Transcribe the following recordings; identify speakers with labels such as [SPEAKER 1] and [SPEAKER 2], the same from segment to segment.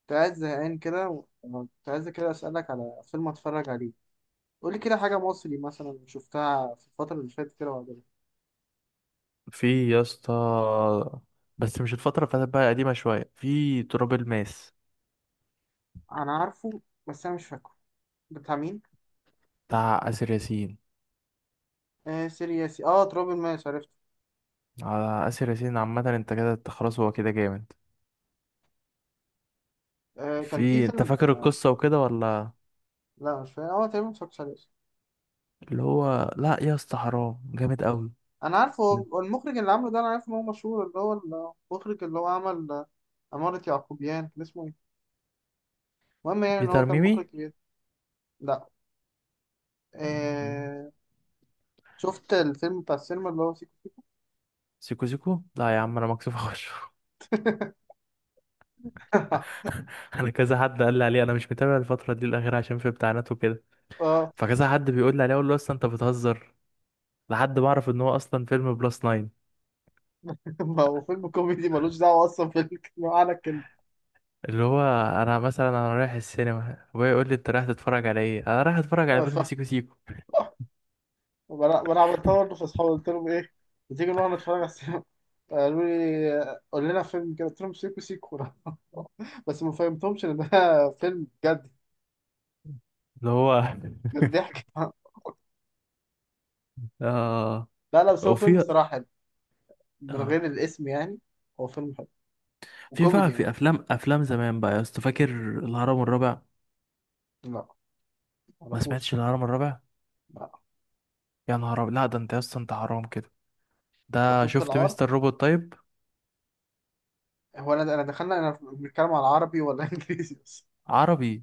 [SPEAKER 1] كنت قاعد زهقان كده وكنت عايز كده أسألك على فيلم أتفرج عليه. قولي كده حاجة مصري مثلا شفتها في الفترة اللي فاتت كده وعجبتك.
[SPEAKER 2] في يا اسطى. بس مش الفترة اللي فاتت، بقى قديمة شوية، في تراب الماس
[SPEAKER 1] أنا عارفه بس أنا مش فاكره. بتاع مين؟
[SPEAKER 2] بتاع آسر ياسين.
[SPEAKER 1] آه سيرياسي، آه تراب الماس عرفته.
[SPEAKER 2] على آسر ياسين عامة انت كده، انت خلاص، هو كده جامد.
[SPEAKER 1] آه كان في
[SPEAKER 2] انت
[SPEAKER 1] فيلم
[SPEAKER 2] فاكر القصة وكده ولا؟
[SPEAKER 1] لا مش فاكر، هو تقريبا متفرجتش عليه أصلا.
[SPEAKER 2] اللي هو لا يا اسطى، حرام، جامد قوي.
[SPEAKER 1] أنا عارفه، هو المخرج اللي عامله ده أنا عارف إن هو مشهور، اللي هو المخرج اللي هو عمل عمارة يعقوبيان، كان اسمه إيه؟ المهم يعني إن هو
[SPEAKER 2] بيتر
[SPEAKER 1] كان مخرج
[SPEAKER 2] ميمي.
[SPEAKER 1] كبير. لا.
[SPEAKER 2] مم.
[SPEAKER 1] آه. شفت الفيلم بتاع السينما اللي هو سيكو؟
[SPEAKER 2] سيكو سيكو لا يا عم، انا مكسوف اخشه. انا كذا حد قال لي عليه، انا مش متابع الفترة دي الاخيرة عشان في امتحانات وكده. فكذا حد بيقول لي عليه، اقول له اصلا انت بتهزر، لحد ما اعرف ان هو اصلا فيلم بلس 9.
[SPEAKER 1] ما هو فيلم كوميدي ملوش دعوة أصلا بالمعنى الكلمة.
[SPEAKER 2] اللي هو انا مثلا، انا رايح السينما، ابويا يقول لي انت رايح تتفرج على ايه، انا رايح اتفرج على
[SPEAKER 1] ف-
[SPEAKER 2] فيلم سيكو سيكو.
[SPEAKER 1] فأنا عملتها برضه في أصحابي، قلت لهم إيه، ما تيجي نروح نتفرج على السينما، قالوا لي قول لنا فيلم كده، قلت لهم سيكو سيكو بس ما فهمتهمش إن ده فيلم جد.
[SPEAKER 2] اللي هو
[SPEAKER 1] جد ضحك
[SPEAKER 2] اه.
[SPEAKER 1] لا لا بس هو فيلم
[SPEAKER 2] وفي.
[SPEAKER 1] صراحة حلو من
[SPEAKER 2] اه
[SPEAKER 1] غير الاسم يعني. هو فيلم حلو
[SPEAKER 2] في
[SPEAKER 1] وكوميدي
[SPEAKER 2] بقى،
[SPEAKER 1] يعني.
[SPEAKER 2] في افلام، افلام زمان بقى يا اسطى، فاكر الهرم الرابع؟
[SPEAKER 1] لا ما
[SPEAKER 2] ما
[SPEAKER 1] اعرفوش.
[SPEAKER 2] سمعتش الهرم الرابع؟
[SPEAKER 1] لا.
[SPEAKER 2] يا نهار أبيض. لا ده انت يا اسطى، انت حرام كده.
[SPEAKER 1] طب
[SPEAKER 2] ده
[SPEAKER 1] شفت
[SPEAKER 2] شفت
[SPEAKER 1] العار؟
[SPEAKER 2] مستر روبوت طيب؟
[SPEAKER 1] هو أنا دخلنا، أنا بنتكلم على عربي ولا إنجليزي بس؟
[SPEAKER 2] عربي.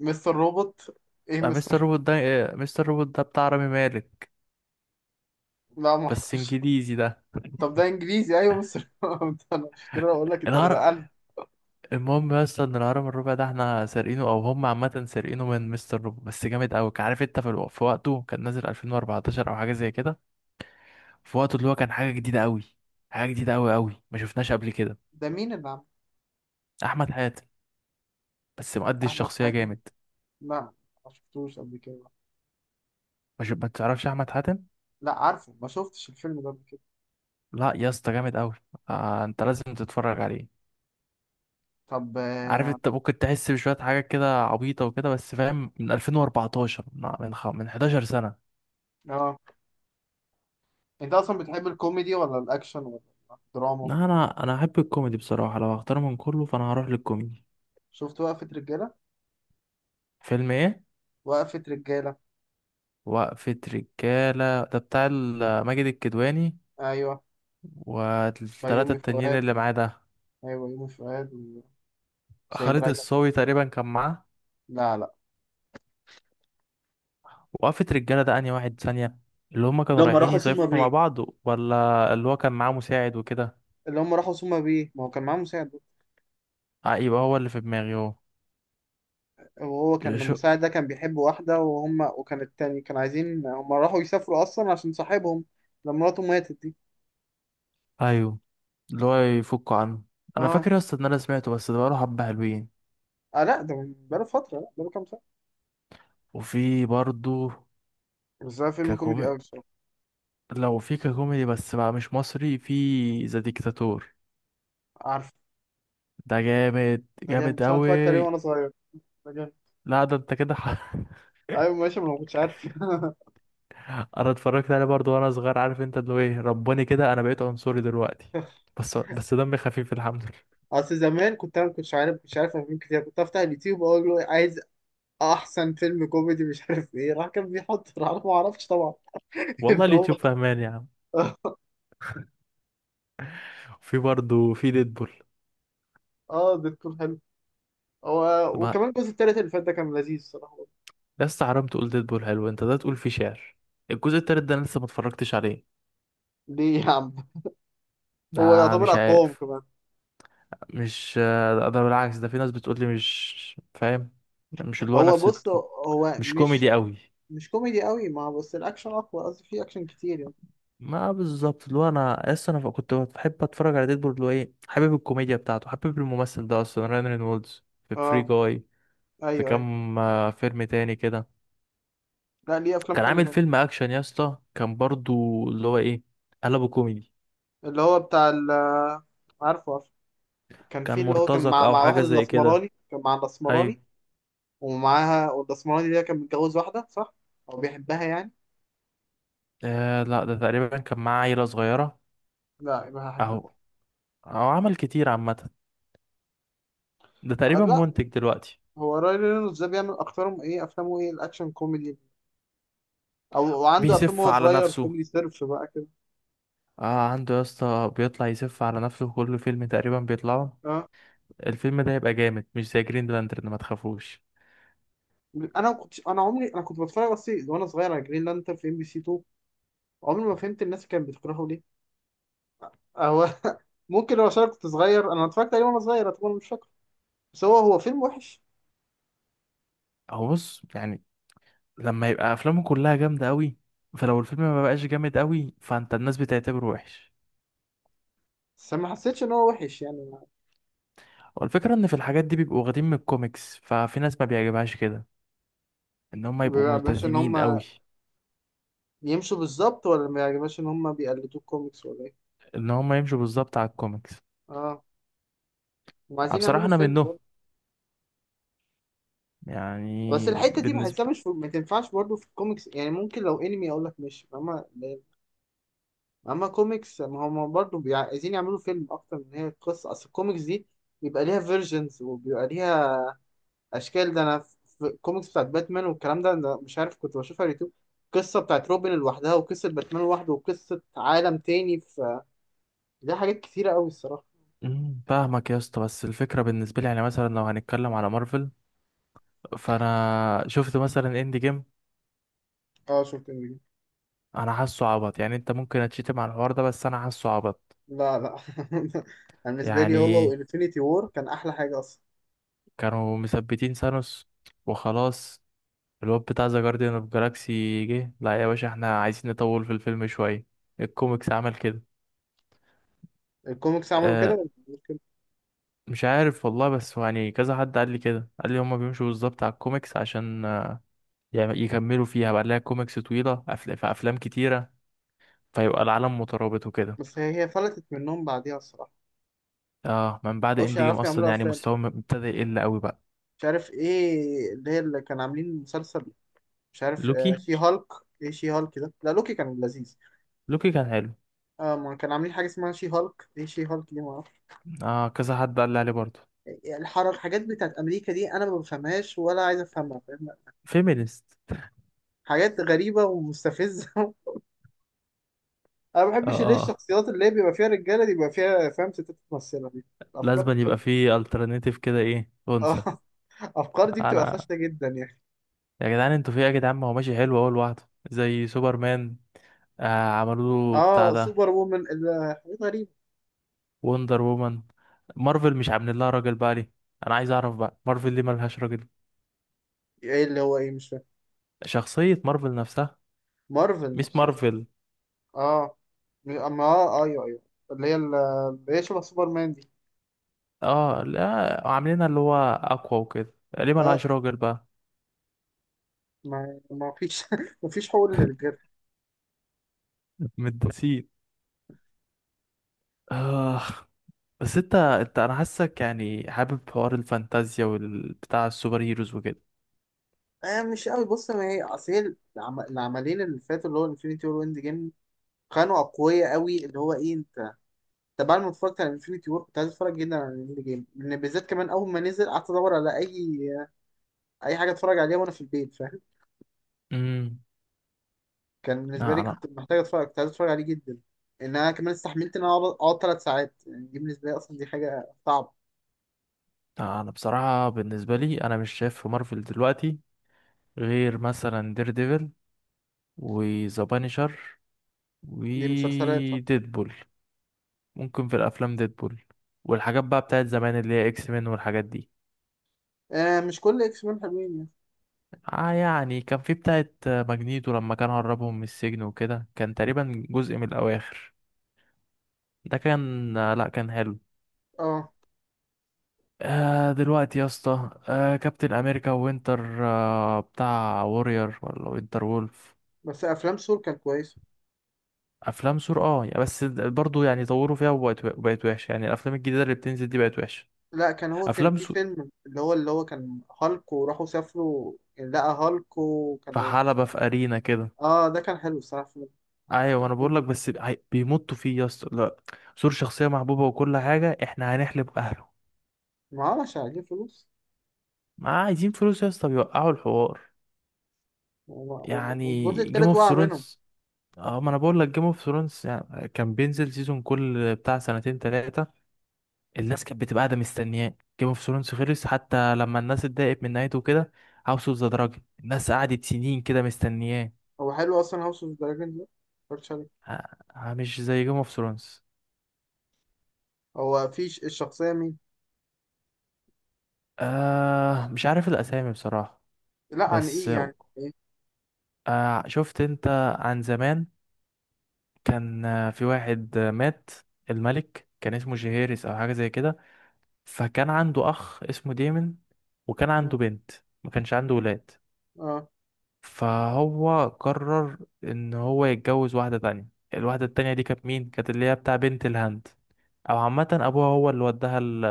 [SPEAKER 1] مستر روبوت. إيه
[SPEAKER 2] مستر
[SPEAKER 1] مستر؟
[SPEAKER 2] روبوت ده، مستر روبوت ده بتاع رامي مالك،
[SPEAKER 1] لا ما
[SPEAKER 2] بس
[SPEAKER 1] اعرفش.
[SPEAKER 2] انجليزي ده.
[SPEAKER 1] طب ده انجليزي ايوه بس انا مش كده بقول لك انت، انا
[SPEAKER 2] الهرم،
[SPEAKER 1] نقلت.
[SPEAKER 2] المهم يا اسطى ان الهرم الربع ده احنا سارقينه، او هم عامه سارقينه من مستر روبو، بس جامد قوي. عارف انت في وقته كان نازل 2014 او حاجه زي كده. في وقته اللي هو كان حاجه جديده قوي، حاجه جديده قوي قوي، ما شفناش قبل كده.
[SPEAKER 1] ده مين اللي عمل؟
[SPEAKER 2] احمد حاتم، بس مؤدي
[SPEAKER 1] احمد
[SPEAKER 2] الشخصيه
[SPEAKER 1] حاتم؟
[SPEAKER 2] جامد.
[SPEAKER 1] لا ما شفتوش قبل كده.
[SPEAKER 2] ما تعرفش احمد حاتم؟
[SPEAKER 1] لا عارفه، ما شفتش الفيلم ده قبل كده.
[SPEAKER 2] لا يا اسطى جامد قوي. آه انت لازم تتفرج عليه.
[SPEAKER 1] طب
[SPEAKER 2] عارف
[SPEAKER 1] اه.
[SPEAKER 2] انت ممكن تحس بشويه حاجات كده عبيطه وكده، بس فاهم، من 2014، من 11 سنه.
[SPEAKER 1] آه. انت اصلا بتحب الكوميدي ولا الاكشن ولا الدراما؟
[SPEAKER 2] لا، انا احب الكوميدي بصراحه. لو هختار من كله فانا هروح للكوميدي.
[SPEAKER 1] شفت وقفة رجالة؟
[SPEAKER 2] فيلم ايه؟
[SPEAKER 1] وقفة رجالة.
[SPEAKER 2] وقفة رجالة ده بتاع ماجد الكدواني
[SPEAKER 1] ايوه
[SPEAKER 2] والتلاتة
[SPEAKER 1] بيومي
[SPEAKER 2] التانيين
[SPEAKER 1] فؤاد.
[SPEAKER 2] اللي معاه ده.
[SPEAKER 1] ايوه بيومي فؤاد وسيد
[SPEAKER 2] خالد
[SPEAKER 1] رجب.
[SPEAKER 2] الصاوي تقريبا كان معاه.
[SPEAKER 1] لا لا.
[SPEAKER 2] وقفة رجالة ده انهي واحد ثانية؟ اللي هما كانوا
[SPEAKER 1] لما
[SPEAKER 2] رايحين
[SPEAKER 1] راحوا ثم
[SPEAKER 2] يصيفوا مع
[SPEAKER 1] بيه.
[SPEAKER 2] بعض، ولا اللي هو كان معاه مساعد وكده؟
[SPEAKER 1] اللي هم راحوا سوما بيه، ما هو كان معاهم مساعد.
[SPEAKER 2] آه، يبقى هو اللي في دماغي هو.
[SPEAKER 1] وهو كان
[SPEAKER 2] شو؟
[SPEAKER 1] المساعد ده كان بيحب واحدة، وهم وكان التاني، كان عايزين هم راحوا يسافروا أصلا عشان صاحبهم لما مراته ماتت دي.
[SPEAKER 2] ايوه. اللي هو يفكوا عنه. انا
[SPEAKER 1] اه.
[SPEAKER 2] فاكر اصلا ان انا سمعته، بس ده بقاله حبة حلوين.
[SPEAKER 1] اه لا ده من بقاله فترة، لا بقاله كام سنة.
[SPEAKER 2] وفي برضه.
[SPEAKER 1] بس ده فيلم كوميدي
[SPEAKER 2] ككوميدي،
[SPEAKER 1] أوي بصراحة.
[SPEAKER 2] لو في ككوميدي بس بقى مش مصري، في ذا ديكتاتور.
[SPEAKER 1] عارف،
[SPEAKER 2] ده جامد
[SPEAKER 1] ده جامد
[SPEAKER 2] جامد
[SPEAKER 1] بس أنا اتفرجت عليه
[SPEAKER 2] أوي.
[SPEAKER 1] وأنا صغير. ده جامد.
[SPEAKER 2] لا ده أنت كده
[SPEAKER 1] أيوة ماشي، ما أنا ما كنتش عارف.
[SPEAKER 2] أنا اتفرجت عليه برضه وأنا صغير. عارف أنت اللي هو إيه، رباني كده، أنا بقيت عنصري دلوقتي. بس بس دمي خفيف الحمد لله.
[SPEAKER 1] أصل زمان كنت أنا ما كنتش عارف، كنتش عارف أفلام كتير، كنت أفتح اليوتيوب وأقول له عايز أحسن فيلم كوميدي مش عارف إيه، راح كان بيحط راح أنا ما أعرفش طبعا إن
[SPEAKER 2] والله
[SPEAKER 1] هو.
[SPEAKER 2] اليوتيوب فهمان يا عم. في برضه في ديدبول.
[SPEAKER 1] اه ده تكون حلو. هو
[SPEAKER 2] ما
[SPEAKER 1] وكمان الجزء التالت اللي فات ده كان لذيذ الصراحة.
[SPEAKER 2] لسه حرام تقول ديدبول حلو، أنت ده تقول فيه شعر. الجزء التالت ده أنا لسه ما اتفرجتش عليه.
[SPEAKER 1] ليه يا عم؟ هو
[SPEAKER 2] ده
[SPEAKER 1] يعتبر
[SPEAKER 2] مش
[SPEAKER 1] اقوام
[SPEAKER 2] عارف.
[SPEAKER 1] كمان.
[SPEAKER 2] مش. ده بالعكس، ده في ناس بتقول لي مش فاهم. مش اللي هو
[SPEAKER 1] هو
[SPEAKER 2] نفس،
[SPEAKER 1] بص، هو
[SPEAKER 2] مش
[SPEAKER 1] مش
[SPEAKER 2] كوميدي أوي.
[SPEAKER 1] مش كوميدي قوي، ما بس الاكشن اقوى قصدي، فيه اكشن كتير يعني.
[SPEAKER 2] ما بالظبط. اللي هو انا اصلا، انا كنت بحب اتفرج على ديدبول. اللي هو ايه، حابب الكوميديا بتاعته، حابب الممثل ده اصلا، رyan رينولدز، في فري
[SPEAKER 1] اه
[SPEAKER 2] جاي. في
[SPEAKER 1] ايوه ايوه.
[SPEAKER 2] كام فيلم تاني كده.
[SPEAKER 1] لا ليه، افلام
[SPEAKER 2] كان
[SPEAKER 1] حلوه
[SPEAKER 2] عامل
[SPEAKER 1] كمان.
[SPEAKER 2] فيلم اكشن يا اسطى، كان برضو اللي هو ايه، قلبه كوميدي.
[SPEAKER 1] اللي هو بتاع عارفه عارفه. كان
[SPEAKER 2] كان
[SPEAKER 1] في اللي هو كان
[SPEAKER 2] مرتزق
[SPEAKER 1] مع
[SPEAKER 2] او
[SPEAKER 1] مع واحد
[SPEAKER 2] حاجه زي كده،
[SPEAKER 1] الاسمراني، كان مع
[SPEAKER 2] ايوه.
[SPEAKER 1] الاسمراني. ومعاها، والاسمراني ده كان متجوز واحده صح؟ او بيحبها يعني.
[SPEAKER 2] آه لا، ده تقريبا كان معاه عيله صغيره.
[SPEAKER 1] لا يبقى حاجه
[SPEAKER 2] اهو.
[SPEAKER 1] تانية.
[SPEAKER 2] او عمل كتير عامه. ده تقريبا
[SPEAKER 1] لا.
[SPEAKER 2] منتج دلوقتي.
[SPEAKER 1] هو راي رينولدز ده بيعمل اكترهم ايه، افلامه ايه؟ الاكشن كوميدي او وعنده افلام
[SPEAKER 2] بيسف
[SPEAKER 1] وهو
[SPEAKER 2] على
[SPEAKER 1] صغير
[SPEAKER 2] نفسه.
[SPEAKER 1] كوميدي سيرف بقى كده.
[SPEAKER 2] آه عنده يا اسطى، بيطلع يسف على نفسه في كل فيلم تقريبا بيطلعه.
[SPEAKER 1] اه.
[SPEAKER 2] الفيلم ده هيبقى جامد، مش زي جرين لانترن ما تخافوش.
[SPEAKER 1] انا ما كنتش، انا عمري انا كنت بتفرج بس وانا صغير على جرين لانترن في ام بي سي 2. عمري ما فهمت الناس كانت بتكرهه ليه هو ممكن لو عشان أنا كنت صغير، انا اتفرجت عليه وانا صغير، اعتبر مش فاكر. بس هو فيلم وحش.
[SPEAKER 2] هو بص يعني، لما يبقى افلامه كلها جامده قوي، فلو الفيلم ما بقاش جامد قوي فانت الناس بتعتبره وحش.
[SPEAKER 1] بس ما حسيتش ان هو وحش يعني.
[SPEAKER 2] والفكره ان في الحاجات دي بيبقوا واخدين من الكوميكس، ففي ناس ما بيعجبهاش كده ان هم
[SPEAKER 1] ما
[SPEAKER 2] يبقوا
[SPEAKER 1] بيعجبهاش ان
[SPEAKER 2] ملتزمين
[SPEAKER 1] هم
[SPEAKER 2] قوي،
[SPEAKER 1] يمشوا بالظبط، ولا ما بيعجبهاش ان هم بيقلدوا الكوميكس ولا ايه؟
[SPEAKER 2] ان هم يمشوا بالظبط على الكوميكس.
[SPEAKER 1] اه. هم عايزين
[SPEAKER 2] بصراحه
[SPEAKER 1] يعملوا
[SPEAKER 2] انا
[SPEAKER 1] فيلم
[SPEAKER 2] منهم.
[SPEAKER 1] برضه. بس
[SPEAKER 2] يعني
[SPEAKER 1] الحته دي
[SPEAKER 2] بالنسبه.
[SPEAKER 1] بحسها مش في ما تنفعش برضه في الكوميكس يعني، ممكن لو انمي اقول لك ماشي فاهمة، اما كوميكس ما هم برضه عايزين يعملوا فيلم اكتر من، هي قصه اصل الكوميكس دي بيبقى ليها فيرجنز وبيبقى ليها اشكال. ده انا في الكوميكس بتاعت باتمان والكلام ده انا مش عارف كنت بشوفها على اليوتيوب، قصه بتاعت روبن لوحدها وقصه باتمان لوحده وقصه عالم تاني، في ليها حاجات كتيره قوي الصراحه.
[SPEAKER 2] مم، فاهمك يا اسطى، بس الفكره بالنسبه لي يعني، مثلا لو هنتكلم على مارفل، فانا شفت مثلا اند جيم.
[SPEAKER 1] اه
[SPEAKER 2] انا حاسه عبط يعني، انت ممكن اتشتم على الحوار ده، بس انا حاسه عبط.
[SPEAKER 1] لا لا انا بالنسبه لي هو
[SPEAKER 2] يعني
[SPEAKER 1] وانفينيتي وور كان احلى حاجه اصلا.
[SPEAKER 2] كانوا مثبتين سانوس وخلاص، الواد بتاع ذا جارديان اوف جالاكسي جه، لا يا باشا احنا عايزين نطول في الفيلم شويه. الكوميكس عمل كده.
[SPEAKER 1] الكوميكس عملوا كده
[SPEAKER 2] أه
[SPEAKER 1] ولا عملوا كده؟
[SPEAKER 2] مش عارف والله، بس هو يعني كذا حد قال لي كده، قال لي هما بيمشوا بالظبط على الكوميكس عشان يكملوا فيها بقى، لها كوميكس طويله، في افلام كتيره، فيبقى العالم مترابط وكده.
[SPEAKER 1] بس هي فلتت منهم بعديها الصراحه.
[SPEAKER 2] اه من
[SPEAKER 1] ما
[SPEAKER 2] بعد
[SPEAKER 1] بقوش
[SPEAKER 2] اند جيم
[SPEAKER 1] يعرفوا
[SPEAKER 2] اصلا
[SPEAKER 1] يعملوا
[SPEAKER 2] يعني
[SPEAKER 1] افلام،
[SPEAKER 2] مستوى ابتدى يقل قوي بقى.
[SPEAKER 1] مش عارف ايه اللي هي، اللي كان عاملين مسلسل، مش عارف آه
[SPEAKER 2] لوكي.
[SPEAKER 1] شي هالك. ايه شي هالك ده؟ لا لوكي كان لذيذ.
[SPEAKER 2] لوكي كان حلو.
[SPEAKER 1] اه ما كان عاملين حاجه اسمها شي هالك، ايه شي هالك دي، ما اعرفش.
[SPEAKER 2] اه كذا حد قال لي عليه برضه.
[SPEAKER 1] الحركات الحاجات بتاعت امريكا دي انا ما بفهمهاش ولا عايز افهمها فاهم.
[SPEAKER 2] فيمينست.
[SPEAKER 1] حاجات غريبه ومستفزه انا ما
[SPEAKER 2] اه
[SPEAKER 1] بحبش اللي هي
[SPEAKER 2] اه.
[SPEAKER 1] الشخصيات اللي هي بيبقى فيها رجاله دي بيبقى فيها فاهم ستات ممثله دي، الافكار دي
[SPEAKER 2] لازم أن
[SPEAKER 1] بتبقى
[SPEAKER 2] يبقى فيه الترناتيف كده، ايه، انثى.
[SPEAKER 1] اه الافكار دي بتبقى
[SPEAKER 2] انا،
[SPEAKER 1] فاشله جدا يعني.
[SPEAKER 2] يا جدعان انتوا في إيه يا جدعان، ما هو ماشي حلو اهو لوحده زي سوبرمان. آه عملوا له بتاع
[SPEAKER 1] اه
[SPEAKER 2] ده،
[SPEAKER 1] سوبر وومن حاجات غريبه.
[SPEAKER 2] وندر وومن. مارفل مش عاملين لها راجل بقى، ليه؟ انا عايز اعرف بقى، مارفل ليه ملهاش راجل؟
[SPEAKER 1] ايه اللي هو ايه؟ مش فاهم.
[SPEAKER 2] شخصية مارفل نفسها،
[SPEAKER 1] مارفل
[SPEAKER 2] ميس
[SPEAKER 1] نفسها؟
[SPEAKER 2] مارفل.
[SPEAKER 1] اه اما اه ايوه ايوه اللي هي اللي هي شبه سوبرمان دي.
[SPEAKER 2] اه لا، عاملينها اللي هو اقوى وكده، ليه
[SPEAKER 1] اه
[SPEAKER 2] ملهاش راجل بقى؟
[SPEAKER 1] ما فيش ما فيش حقوق للرجاله.
[SPEAKER 2] متداسين. آه. بس انت انا حاسك يعني حابب حوار الفانتازيا والبتاع، السوبر هيروز وكده.
[SPEAKER 1] آه مش قوي، بص ما هي اصل هي العملين اللي فاتوا اللي هو انفينيتي وور واند جيم كانوا اقوياء قوي، اللي هو ايه انت، انت بعد ما اتفرجت على انفينيتي وور كنت عايز اتفرج جدا على اند جيم لان بالذات كمان اول ما نزل قعدت ادور على اي اي حاجه اتفرج عليها وانا في البيت فاهم.
[SPEAKER 2] امم.
[SPEAKER 1] كان بالنسبه
[SPEAKER 2] لا
[SPEAKER 1] لي
[SPEAKER 2] انا
[SPEAKER 1] كنت محتاج اتفرج، كنت عايز اتفرج عليه جدا، ان انا كمان استحملت ان انا اقعد ثلاث ساعات، يعني دي بالنسبه لي اصلا دي حاجه صعبه.
[SPEAKER 2] انا بصراحة، بالنسبة لي انا مش شايف في مارفل دلوقتي غير مثلا دير ديفل، وذا بانيشر،
[SPEAKER 1] دي مسلسلات.
[SPEAKER 2] وديدبول. ممكن في الافلام ديدبول والحاجات بقى بتاعت زمان، اللي هي اكس مان والحاجات دي.
[SPEAKER 1] آه مش كل اكس مان حلوين يعني.
[SPEAKER 2] اه يعني، كان في بتاعت ماجنيتو لما كان هربهم من السجن وكده، كان تقريبا جزء من الاواخر، ده كان لا كان حلو.
[SPEAKER 1] اه.
[SPEAKER 2] آه دلوقتي يا اسطى، آه كابتن امريكا وينتر، آه بتاع وورير ولا وينتر وولف.
[SPEAKER 1] بس افلام سور كان كويس.
[SPEAKER 2] افلام سور اه يعني، بس برضو يعني طوروا فيها وبقت، بقت وحشه يعني، الافلام الجديده اللي بتنزل دي بقت وحشه.
[SPEAKER 1] لا كان هو كان
[SPEAKER 2] افلام
[SPEAKER 1] في
[SPEAKER 2] سور
[SPEAKER 1] فيلم اللي هو، اللي هو كان هالك وراحوا سافروا يعني لقى هالك
[SPEAKER 2] في
[SPEAKER 1] وكانوا
[SPEAKER 2] حلبة،
[SPEAKER 1] في
[SPEAKER 2] في ارينا كده.
[SPEAKER 1] اه ده كان حلو الصراحه فيلم.
[SPEAKER 2] ايوه، ما انا بقول لك،
[SPEAKER 1] الكرتون.
[SPEAKER 2] بس بيمطوا فيه يا اسطى، لا. سور شخصيه محبوبه وكل حاجه، احنا هنحلب اهله.
[SPEAKER 1] ما عملش عليه فلوس.
[SPEAKER 2] ما عايزين فلوس يا اسطى، بيوقعوا الحوار. يعني
[SPEAKER 1] والجزء
[SPEAKER 2] جيم
[SPEAKER 1] التالت
[SPEAKER 2] اوف
[SPEAKER 1] وقع منهم.
[SPEAKER 2] ثرونز، اه ما انا بقول لك، جيم اوف ثرونز يعني كان بينزل سيزون كل بتاع سنتين تلاتة، الناس كانت بتبقى قاعده مستنياه. جيم اوف ثرونز خلص، حتى لما الناس اتضايقت من نهايته كده. هاوس اوف ذا دراجون، الناس قعدت سنين كده مستنياه.
[SPEAKER 1] هو حلو اصلا هاوس اوف دراجون ده؟ متفرجتش عليه.
[SPEAKER 2] آه. مش زي جيم اوف ثرونز.
[SPEAKER 1] هو في الشخصيه مين؟
[SPEAKER 2] آه مش عارف الاسامي بصراحه.
[SPEAKER 1] لا عن
[SPEAKER 2] بس،
[SPEAKER 1] ايه، يعني ايه؟
[SPEAKER 2] آه شفت انت، عن زمان كان في واحد، مات الملك، كان اسمه جيهيرس او حاجه زي كده. فكان عنده اخ اسمه ديمن، وكان عنده
[SPEAKER 1] اه
[SPEAKER 2] بنت. ما كانش عنده ولاد.
[SPEAKER 1] اه
[SPEAKER 2] فهو قرر ان هو يتجوز واحدة تانية. الواحدة التانية دي كانت مين، كانت اللي هي بتاع بنت الهند، او عامة ابوها هو اللي وداها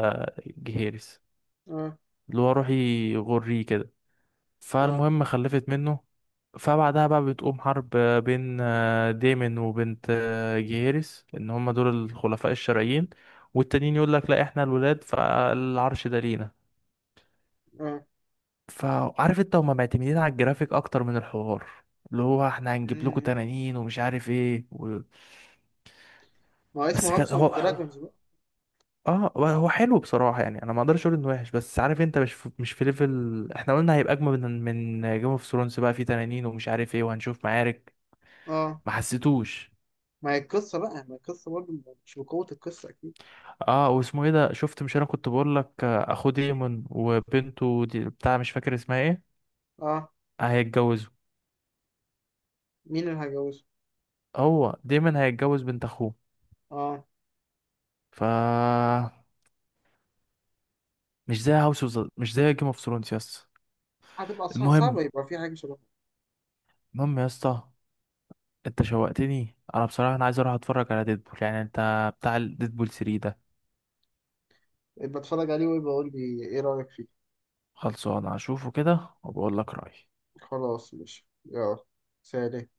[SPEAKER 2] الجهيرس،
[SPEAKER 1] اه
[SPEAKER 2] اللي هو روحي يغريه كده.
[SPEAKER 1] اه.
[SPEAKER 2] فالمهم خلفت منه. فبعدها بقى بتقوم حرب بين ديمن وبنت جيهيرس، ان هما دول الخلفاء الشرعيين، والتانيين يقول لك لا احنا الولاد فالعرش ده لينا.
[SPEAKER 1] آه.
[SPEAKER 2] فعارف انت، هما معتمدين على الجرافيك اكتر من الحوار. اللي هو احنا هنجيب لكم
[SPEAKER 1] مم.
[SPEAKER 2] تنانين ومش عارف ايه
[SPEAKER 1] ما هو اسمه
[SPEAKER 2] بس
[SPEAKER 1] هاوس
[SPEAKER 2] كان
[SPEAKER 1] اوف
[SPEAKER 2] هو،
[SPEAKER 1] دراجونز بقى.
[SPEAKER 2] اه هو هو حلو بصراحة يعني، انا ما اقدرش اقول انه وحش، بس عارف انت مش في ليفل احنا قلنا هيبقى اجمل من من جيم اوف ثرونز بقى، في تنانين ومش عارف ايه، وهنشوف معارك.
[SPEAKER 1] اه
[SPEAKER 2] ما حسيتوش.
[SPEAKER 1] ما هي القصة بقى، ما هي القصة برضه، مش بقوة القصة أكيد.
[SPEAKER 2] اه واسمه ايه ده، شفت مش انا كنت بقول لك، اخو ديمون وبنته دي بتاع، مش فاكر اسمها ايه.
[SPEAKER 1] أه.
[SPEAKER 2] هيتجوزوا.
[SPEAKER 1] مين اللي هيجوزه؟
[SPEAKER 2] هو ديمون هيتجوز بنت اخوه.
[SPEAKER 1] أه.
[SPEAKER 2] ف، مش زي هاوس اوف، مش زي جيم اوف ثرونز يا اسطى.
[SPEAKER 1] هتبقى صعبة،
[SPEAKER 2] المهم،
[SPEAKER 1] يبقى في حاجة شبه.
[SPEAKER 2] المهم يا اسطى، انت شوقتني، انا بصراحه انا عايز اروح اتفرج على ديدبول يعني. انت بتاع ديدبول 3 ده،
[SPEAKER 1] يبقى أتفرج عليه ويبقى أقول لي إيه رأيك فيه.
[SPEAKER 2] خلصان هشوفه كده وبقول لك رايي.
[SPEAKER 1] خلاص ماشي يلا. سلام.